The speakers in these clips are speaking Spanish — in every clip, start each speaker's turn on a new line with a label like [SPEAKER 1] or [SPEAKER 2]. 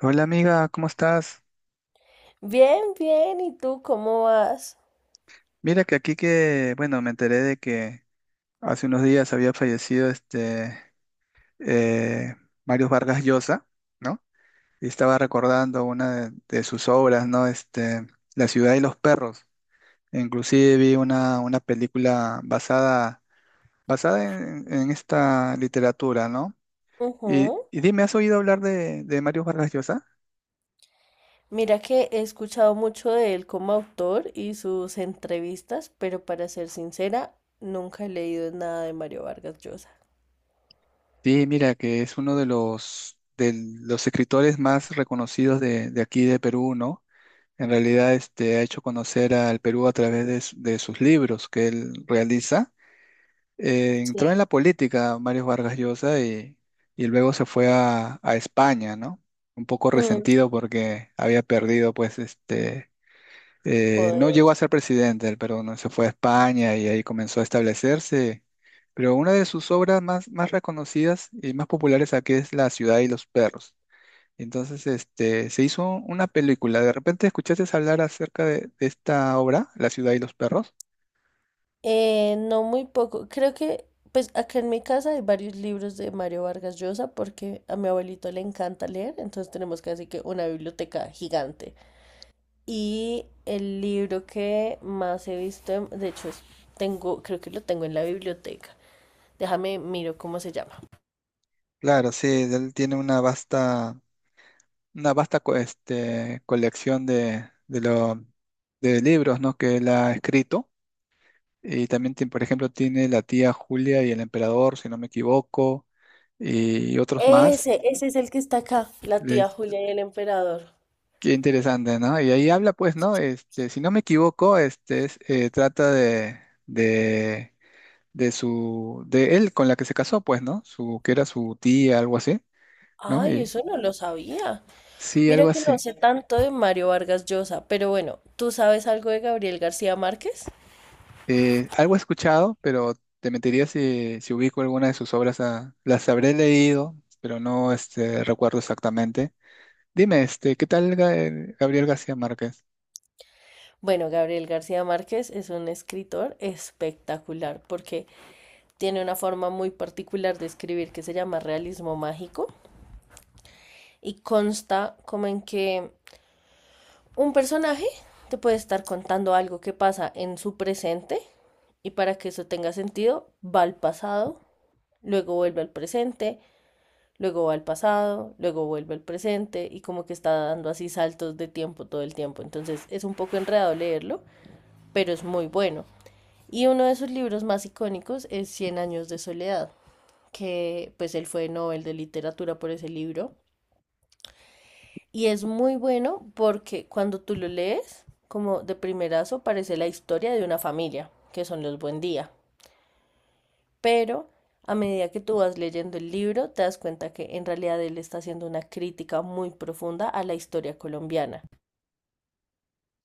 [SPEAKER 1] Hola amiga, ¿cómo estás?
[SPEAKER 2] Bien, bien. ¿Y tú cómo vas?
[SPEAKER 1] Mira que aquí que, bueno, me enteré de que hace unos días había fallecido este eh, Mario Vargas Llosa, ¿no? Y estaba recordando una de sus obras, ¿no? Este, La ciudad y los perros. Inclusive vi una película basada, basada en esta literatura, ¿no?
[SPEAKER 2] Ujú.
[SPEAKER 1] Y dime, ¿has oído hablar de Mario Vargas Llosa?
[SPEAKER 2] Mira que he escuchado mucho de él como autor y sus entrevistas, pero para ser sincera, nunca he leído nada de Mario Vargas Llosa.
[SPEAKER 1] Sí, mira que es uno de los escritores más reconocidos de aquí de Perú, ¿no? En realidad, este, ha hecho conocer al Perú a través de sus libros que él realiza. Entró en la
[SPEAKER 2] Sí.
[SPEAKER 1] política Mario Vargas Llosa y luego se fue a España, ¿no? Un poco
[SPEAKER 2] Mm,
[SPEAKER 1] resentido porque había perdido, pues, este, no
[SPEAKER 2] joder.
[SPEAKER 1] llegó a ser presidente del Perú, ¿no? Se fue a España y ahí comenzó a establecerse. Pero una de sus obras más, más reconocidas y más populares aquí es La ciudad y los perros. Entonces, este, se hizo una película. ¿De repente escuchaste hablar acerca de esta obra, La ciudad y los perros?
[SPEAKER 2] No muy poco. Pues acá en mi casa hay varios libros de Mario Vargas Llosa porque a mi abuelito le encanta leer, entonces tenemos casi que una biblioteca gigante. Y el libro que más he visto, de hecho, tengo, creo que lo tengo en la biblioteca. Déjame, miro cómo se llama.
[SPEAKER 1] Claro, sí, él tiene una vasta este, colección de libros, ¿no?, que él ha escrito. Y también tiene, por ejemplo, tiene La tía Julia y el emperador, si no me equivoco, y otros más.
[SPEAKER 2] Ese es el que está acá, la
[SPEAKER 1] Le-
[SPEAKER 2] tía Julia y el emperador.
[SPEAKER 1] Qué interesante, ¿no? Y ahí habla, pues, ¿no? Este, si no me equivoco, este es, trata de su, de él con la que se casó, pues, ¿no? Su, que era su tía, algo así, ¿no?
[SPEAKER 2] Ay,
[SPEAKER 1] Y,
[SPEAKER 2] eso no lo sabía.
[SPEAKER 1] sí,
[SPEAKER 2] Mira
[SPEAKER 1] algo
[SPEAKER 2] que no
[SPEAKER 1] así.
[SPEAKER 2] sé tanto de Mario Vargas Llosa, pero bueno, ¿tú sabes algo de Gabriel García Márquez?
[SPEAKER 1] Algo he escuchado, pero te mentiría si ubico alguna de sus obras, ah, las habré leído, pero no este, recuerdo exactamente. Dime, este, ¿qué tal Gabriel García Márquez?
[SPEAKER 2] Bueno, Gabriel García Márquez es un escritor espectacular porque tiene una forma muy particular de escribir que se llama realismo mágico y consta como en que un personaje te puede estar contando algo que pasa en su presente y para que eso tenga sentido va al pasado, luego vuelve al presente, luego va al pasado, luego vuelve al presente y como que está dando así saltos de tiempo todo el tiempo. Entonces es un poco enredado leerlo, pero es muy bueno. Y uno de sus libros más icónicos es Cien años de soledad, que pues él fue Nobel de literatura por ese libro. Y es muy bueno porque cuando tú lo lees, como de primerazo, parece la historia de una familia, que son los Buen Día. Pero a medida que tú vas leyendo el libro, te das cuenta que en realidad él está haciendo una crítica muy profunda a la historia colombiana.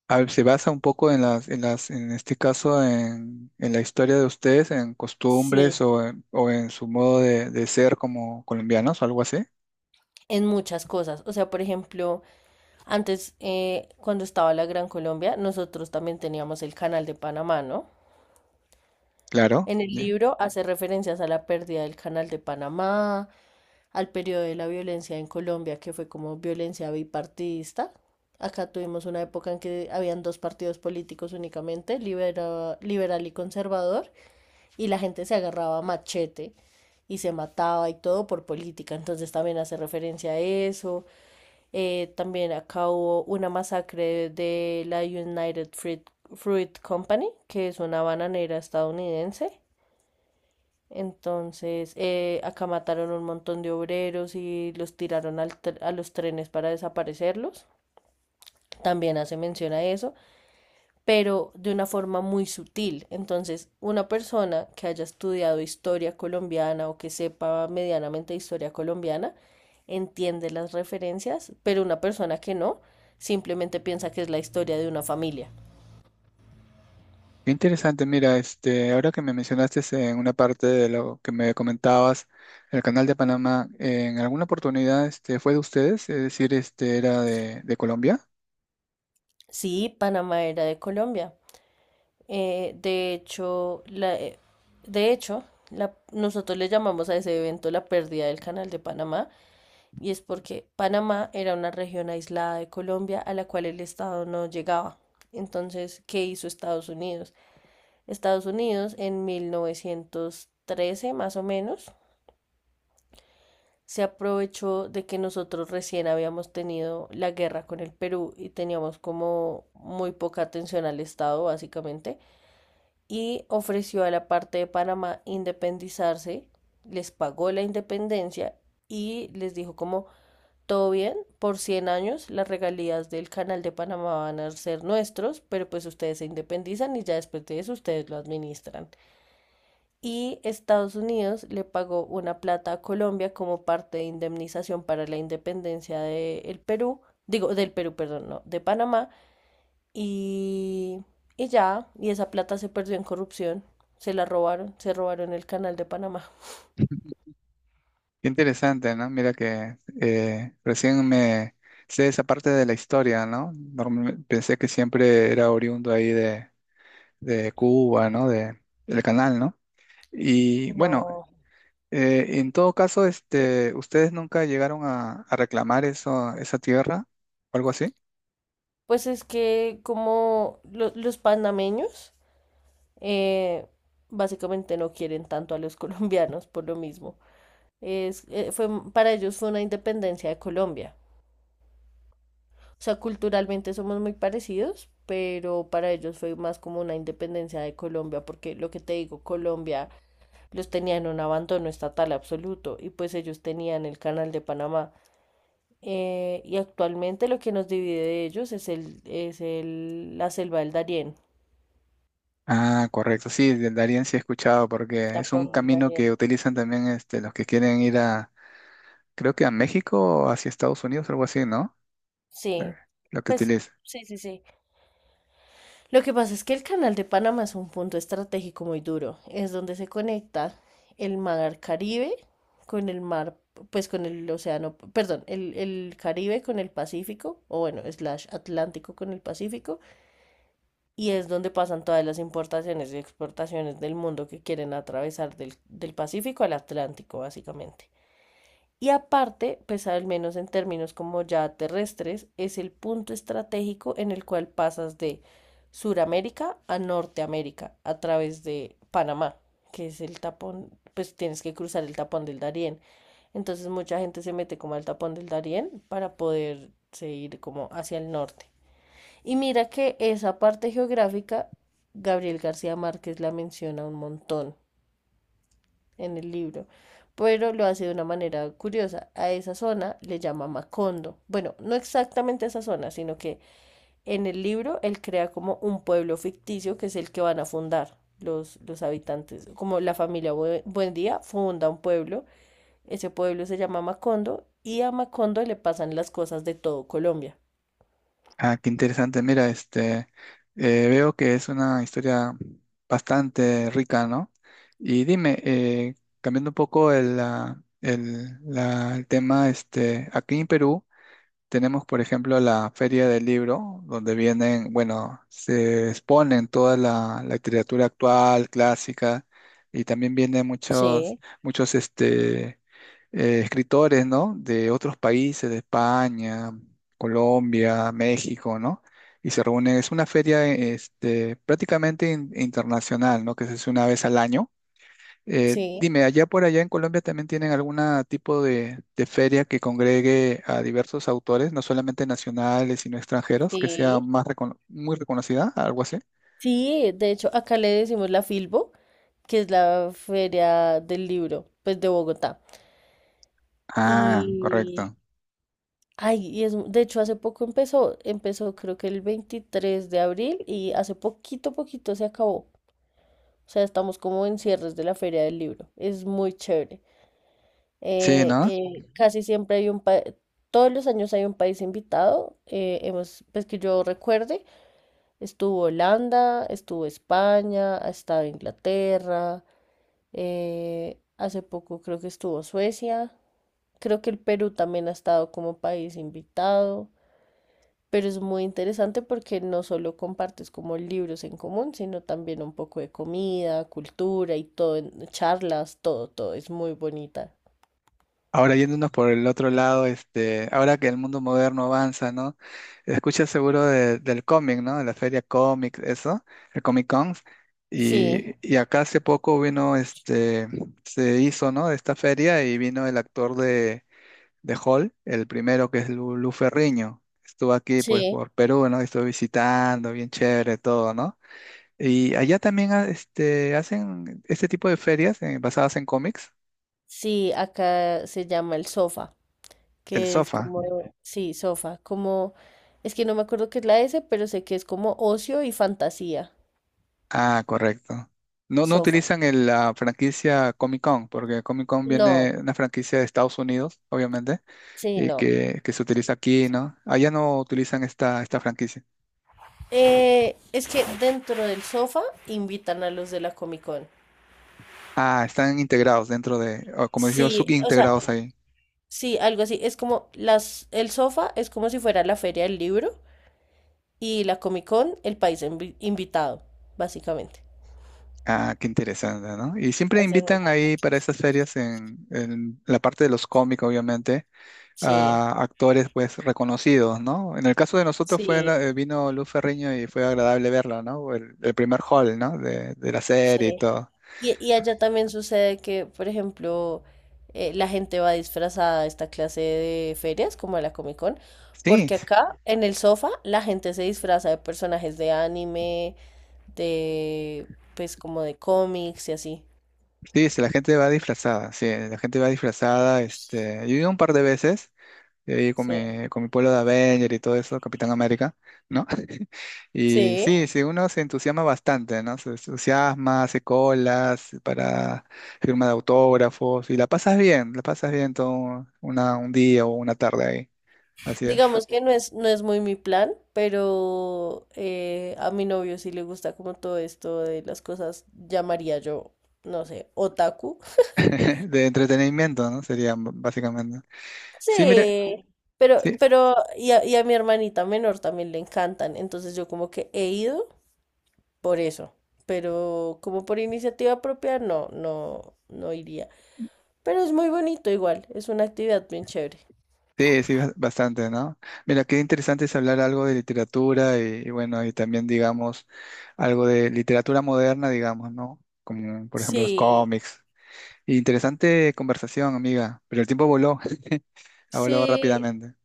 [SPEAKER 1] A ver, se basa un poco en las, en las, en este caso, en la historia de ustedes, en
[SPEAKER 2] Sí,
[SPEAKER 1] costumbres o en su modo de ser como colombianos o algo así.
[SPEAKER 2] en muchas cosas. O sea, por ejemplo, antes, cuando estaba la Gran Colombia, nosotros también teníamos el Canal de Panamá, ¿no?
[SPEAKER 1] Claro.
[SPEAKER 2] En el libro hace referencias a la pérdida del Canal de Panamá, al periodo de la violencia en Colombia, que fue como violencia bipartidista. Acá tuvimos una época en que habían dos partidos políticos únicamente, liberal y conservador, y la gente se agarraba a machete y se mataba y todo por política. Entonces también hace referencia a eso. También acá hubo una masacre de la United Fruit, Fruit Company, que es una bananera estadounidense. Entonces, acá mataron un montón de obreros y los tiraron al a los trenes para desaparecerlos. También hace mención a eso, pero de una forma muy sutil. Entonces, una persona que haya estudiado historia colombiana o que sepa medianamente historia colombiana entiende las referencias, pero una persona que no simplemente piensa que es la historia de una familia.
[SPEAKER 1] Qué interesante, mira, este, ahora que me mencionaste en una parte de lo que me comentabas, el canal de Panamá, ¿en alguna oportunidad este, fue de ustedes? Es decir, este, ¿era de Colombia?
[SPEAKER 2] Sí, Panamá era de Colombia. Eh, de hecho, la, eh, de hecho, Nosotros le llamamos a ese evento la pérdida del Canal de Panamá y es porque Panamá era una región aislada de Colombia a la cual el Estado no llegaba. Entonces, ¿qué hizo Estados Unidos? Estados Unidos en 1913, más o menos, se aprovechó de que nosotros recién habíamos tenido la guerra con el Perú y teníamos como muy poca atención al Estado, básicamente. Y ofreció a la parte de Panamá independizarse, les pagó la independencia y les dijo como todo bien, por 100 años las regalías del canal de Panamá van a ser nuestros, pero pues ustedes se independizan y ya después de eso ustedes lo administran. Y Estados Unidos le pagó una plata a Colombia como parte de indemnización para la independencia del Perú, digo, del Perú, perdón, no, de Panamá, y, y esa plata se perdió en corrupción. Se la robaron, se robaron el canal de Panamá.
[SPEAKER 1] Qué interesante, ¿no? Mira que recién me sé esa parte de la historia, ¿no? Normal- pensé que siempre era oriundo ahí de Cuba, ¿no? De, del canal, ¿no? Y bueno,
[SPEAKER 2] No.
[SPEAKER 1] en todo caso, este, ¿ustedes nunca llegaron a reclamar eso, esa tierra o algo así?
[SPEAKER 2] Pues es que como los panameños eh, básicamente no quieren tanto a los colombianos por lo mismo. Para ellos fue una independencia de Colombia. O sea, culturalmente somos muy parecidos, pero para ellos fue más como una independencia de Colombia, porque lo que te digo, Colombia los tenía en un abandono estatal absoluto y pues ellos tenían el canal de Panamá. Y actualmente lo que nos divide de ellos es la selva del Darién,
[SPEAKER 1] Ah, correcto. Sí, de Darien sí he escuchado porque es un
[SPEAKER 2] tapón del
[SPEAKER 1] camino que
[SPEAKER 2] Darién.
[SPEAKER 1] utilizan también este, los que quieren ir a, creo que a México o hacia Estados Unidos, algo así, ¿no? Eh,
[SPEAKER 2] Sí,
[SPEAKER 1] lo que
[SPEAKER 2] pues
[SPEAKER 1] utilizan.
[SPEAKER 2] sí. Lo que pasa es que el canal de Panamá es un punto estratégico muy duro. Es donde se conecta el mar Caribe con el mar, pues con el océano, perdón, el Caribe con el Pacífico, o bueno, slash Atlántico con el Pacífico y es donde pasan todas las importaciones y exportaciones del mundo que quieren atravesar del Pacífico al Atlántico, básicamente. Y aparte, pues al menos en términos como ya terrestres, es el punto estratégico en el cual pasas de Suramérica a Norteamérica a través de Panamá, que es el tapón, pues tienes que cruzar el tapón del Darién. Entonces mucha gente se mete como al tapón del Darién para poderse ir como hacia el norte. Y mira que esa parte geográfica, Gabriel García Márquez la menciona un montón en el libro, pero lo hace de una manera curiosa. A esa zona le llama Macondo. Bueno, no exactamente esa zona, sino que en el libro él crea como un pueblo ficticio que es el que van a fundar los habitantes. Como la familia Buendía funda un pueblo, ese pueblo se llama Macondo y a Macondo le pasan las cosas de todo Colombia.
[SPEAKER 1] Ah, qué interesante. Mira, este, veo que es una historia bastante rica, ¿no? Y dime, cambiando un poco el, ah, el, el tema, este, aquí en Perú. Tenemos, por ejemplo, la Feria del Libro, donde vienen, bueno, se exponen toda la literatura actual, clásica, y también vienen muchos,
[SPEAKER 2] Sí,
[SPEAKER 1] muchos este, escritores, ¿no? De otros países, de España, Colombia, México, ¿no? Y se reúnen, es una feria, este, prácticamente internacional, ¿no? Que se hace una vez al año
[SPEAKER 2] sí,
[SPEAKER 1] dime, allá por allá en Colombia también tienen algún tipo de feria que congregue a diversos autores, no solamente nacionales, sino extranjeros, que sea
[SPEAKER 2] sí.
[SPEAKER 1] más recono- muy reconocida, algo así.
[SPEAKER 2] Sí, de hecho, acá le decimos la Filbo, que es la Feria del Libro, pues de Bogotá.
[SPEAKER 1] Ah,
[SPEAKER 2] Y,
[SPEAKER 1] correcto.
[SPEAKER 2] ay, y es, de hecho, hace poco empezó creo que el 23 de abril y hace poquito se acabó. O sea, estamos como en cierres de la Feria del Libro. Es muy chévere.
[SPEAKER 1] Sí, ¿no?
[SPEAKER 2] Casi siempre hay un país, todos los años hay un país invitado. Hemos, pues que yo recuerde, estuvo Holanda, estuvo España, ha estado Inglaterra. Hace poco creo que estuvo Suecia. Creo que el Perú también ha estado como país invitado. Pero es muy interesante porque no solo compartes como libros en común, sino también un poco de comida, cultura y todo, charlas, todo, todo. Es muy bonita.
[SPEAKER 1] Ahora yéndonos por el otro lado, este, ahora que el mundo moderno avanza, ¿no? Escuchas seguro del cómic, ¿no? De la feria cómic, eso, el Comic Con.
[SPEAKER 2] Sí,
[SPEAKER 1] Y acá hace poco vino, este, se hizo, ¿no? Esta feria y vino el actor de Hall, el primero que es Lu Ferriño. Estuvo aquí pues
[SPEAKER 2] sí,
[SPEAKER 1] por Perú, ¿no? Estuve visitando, bien chévere todo, ¿no? Y allá también ah, este, hacen este tipo de ferias basadas en cómics.
[SPEAKER 2] sí, acá se llama el sofá,
[SPEAKER 1] El
[SPEAKER 2] que es
[SPEAKER 1] sofá.
[SPEAKER 2] como, Ok. Sí, sofá, como, es que no me acuerdo qué es la S, pero sé que es como ocio y fantasía,
[SPEAKER 1] Ah, correcto. No, no
[SPEAKER 2] sofá.
[SPEAKER 1] utilizan la franquicia Comic Con, porque Comic Con
[SPEAKER 2] No,
[SPEAKER 1] viene una franquicia de Estados Unidos, obviamente,
[SPEAKER 2] sí,
[SPEAKER 1] y
[SPEAKER 2] no.
[SPEAKER 1] que se utiliza aquí, ¿no? Allá no utilizan esta, esta franquicia.
[SPEAKER 2] Es que dentro del sofá invitan a los de la Comic Con.
[SPEAKER 1] Ah, están integrados dentro de, o como decía,
[SPEAKER 2] Sí, o sea,
[SPEAKER 1] subintegrados ahí.
[SPEAKER 2] sí, algo así. Es como el sofá es como si fuera la feria del libro y la Comic Con el país invitado, básicamente.
[SPEAKER 1] Ah, qué interesante, ¿no? Y siempre
[SPEAKER 2] Hacemos,
[SPEAKER 1] invitan ahí para esas ferias en la parte de los cómicos, obviamente,
[SPEAKER 2] sí,
[SPEAKER 1] a actores pues reconocidos, ¿no? En el caso de nosotros fue,
[SPEAKER 2] sí,
[SPEAKER 1] vino Luz Ferriño y fue agradable verla, ¿no? El primer hall, ¿no? De la serie y
[SPEAKER 2] sí.
[SPEAKER 1] todo.
[SPEAKER 2] Y allá también sucede que, por ejemplo, la gente va disfrazada a esta clase de ferias, como a la Comic Con,
[SPEAKER 1] Sí,
[SPEAKER 2] porque acá en el sofá la gente se disfraza de personajes de anime, de, pues como de cómics y así.
[SPEAKER 1] sí, sí, la gente va disfrazada, sí, la gente va disfrazada, este, yo he ido un par de veces, de ahí
[SPEAKER 2] Sí.
[SPEAKER 1] con mi pueblo de Avenger y todo eso, Capitán América, ¿no? Y
[SPEAKER 2] Sí,
[SPEAKER 1] sí, sí, uno se entusiasma bastante, ¿no? Se entusiasma, hace colas para firma de autógrafos y la pasas bien todo una, un día o una tarde ahí, así es.
[SPEAKER 2] digamos que no es, no es muy mi plan, pero a mi novio sí le gusta como todo esto de las cosas, llamaría yo, no sé, otaku.
[SPEAKER 1] De entretenimiento, ¿no? Sería básicamente. Sí, mire,
[SPEAKER 2] Sí, pero,
[SPEAKER 1] sí,
[SPEAKER 2] y a mi hermanita menor también le encantan, entonces yo como que he ido por eso, pero como por iniciativa propia no, no, no iría. Pero es muy bonito igual, es una actividad bien chévere.
[SPEAKER 1] sí, sí, bastante, ¿no? Mira, qué interesante es hablar algo de literatura y bueno, y también, digamos, algo de literatura moderna, digamos, ¿no? Como, por ejemplo, los
[SPEAKER 2] Sí,
[SPEAKER 1] cómics. Interesante conversación, amiga, pero el tiempo voló, ha volado
[SPEAKER 2] sí,
[SPEAKER 1] rápidamente.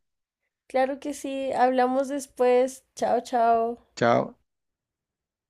[SPEAKER 2] claro que sí. Hablamos después. Chao, chao.
[SPEAKER 1] Chao.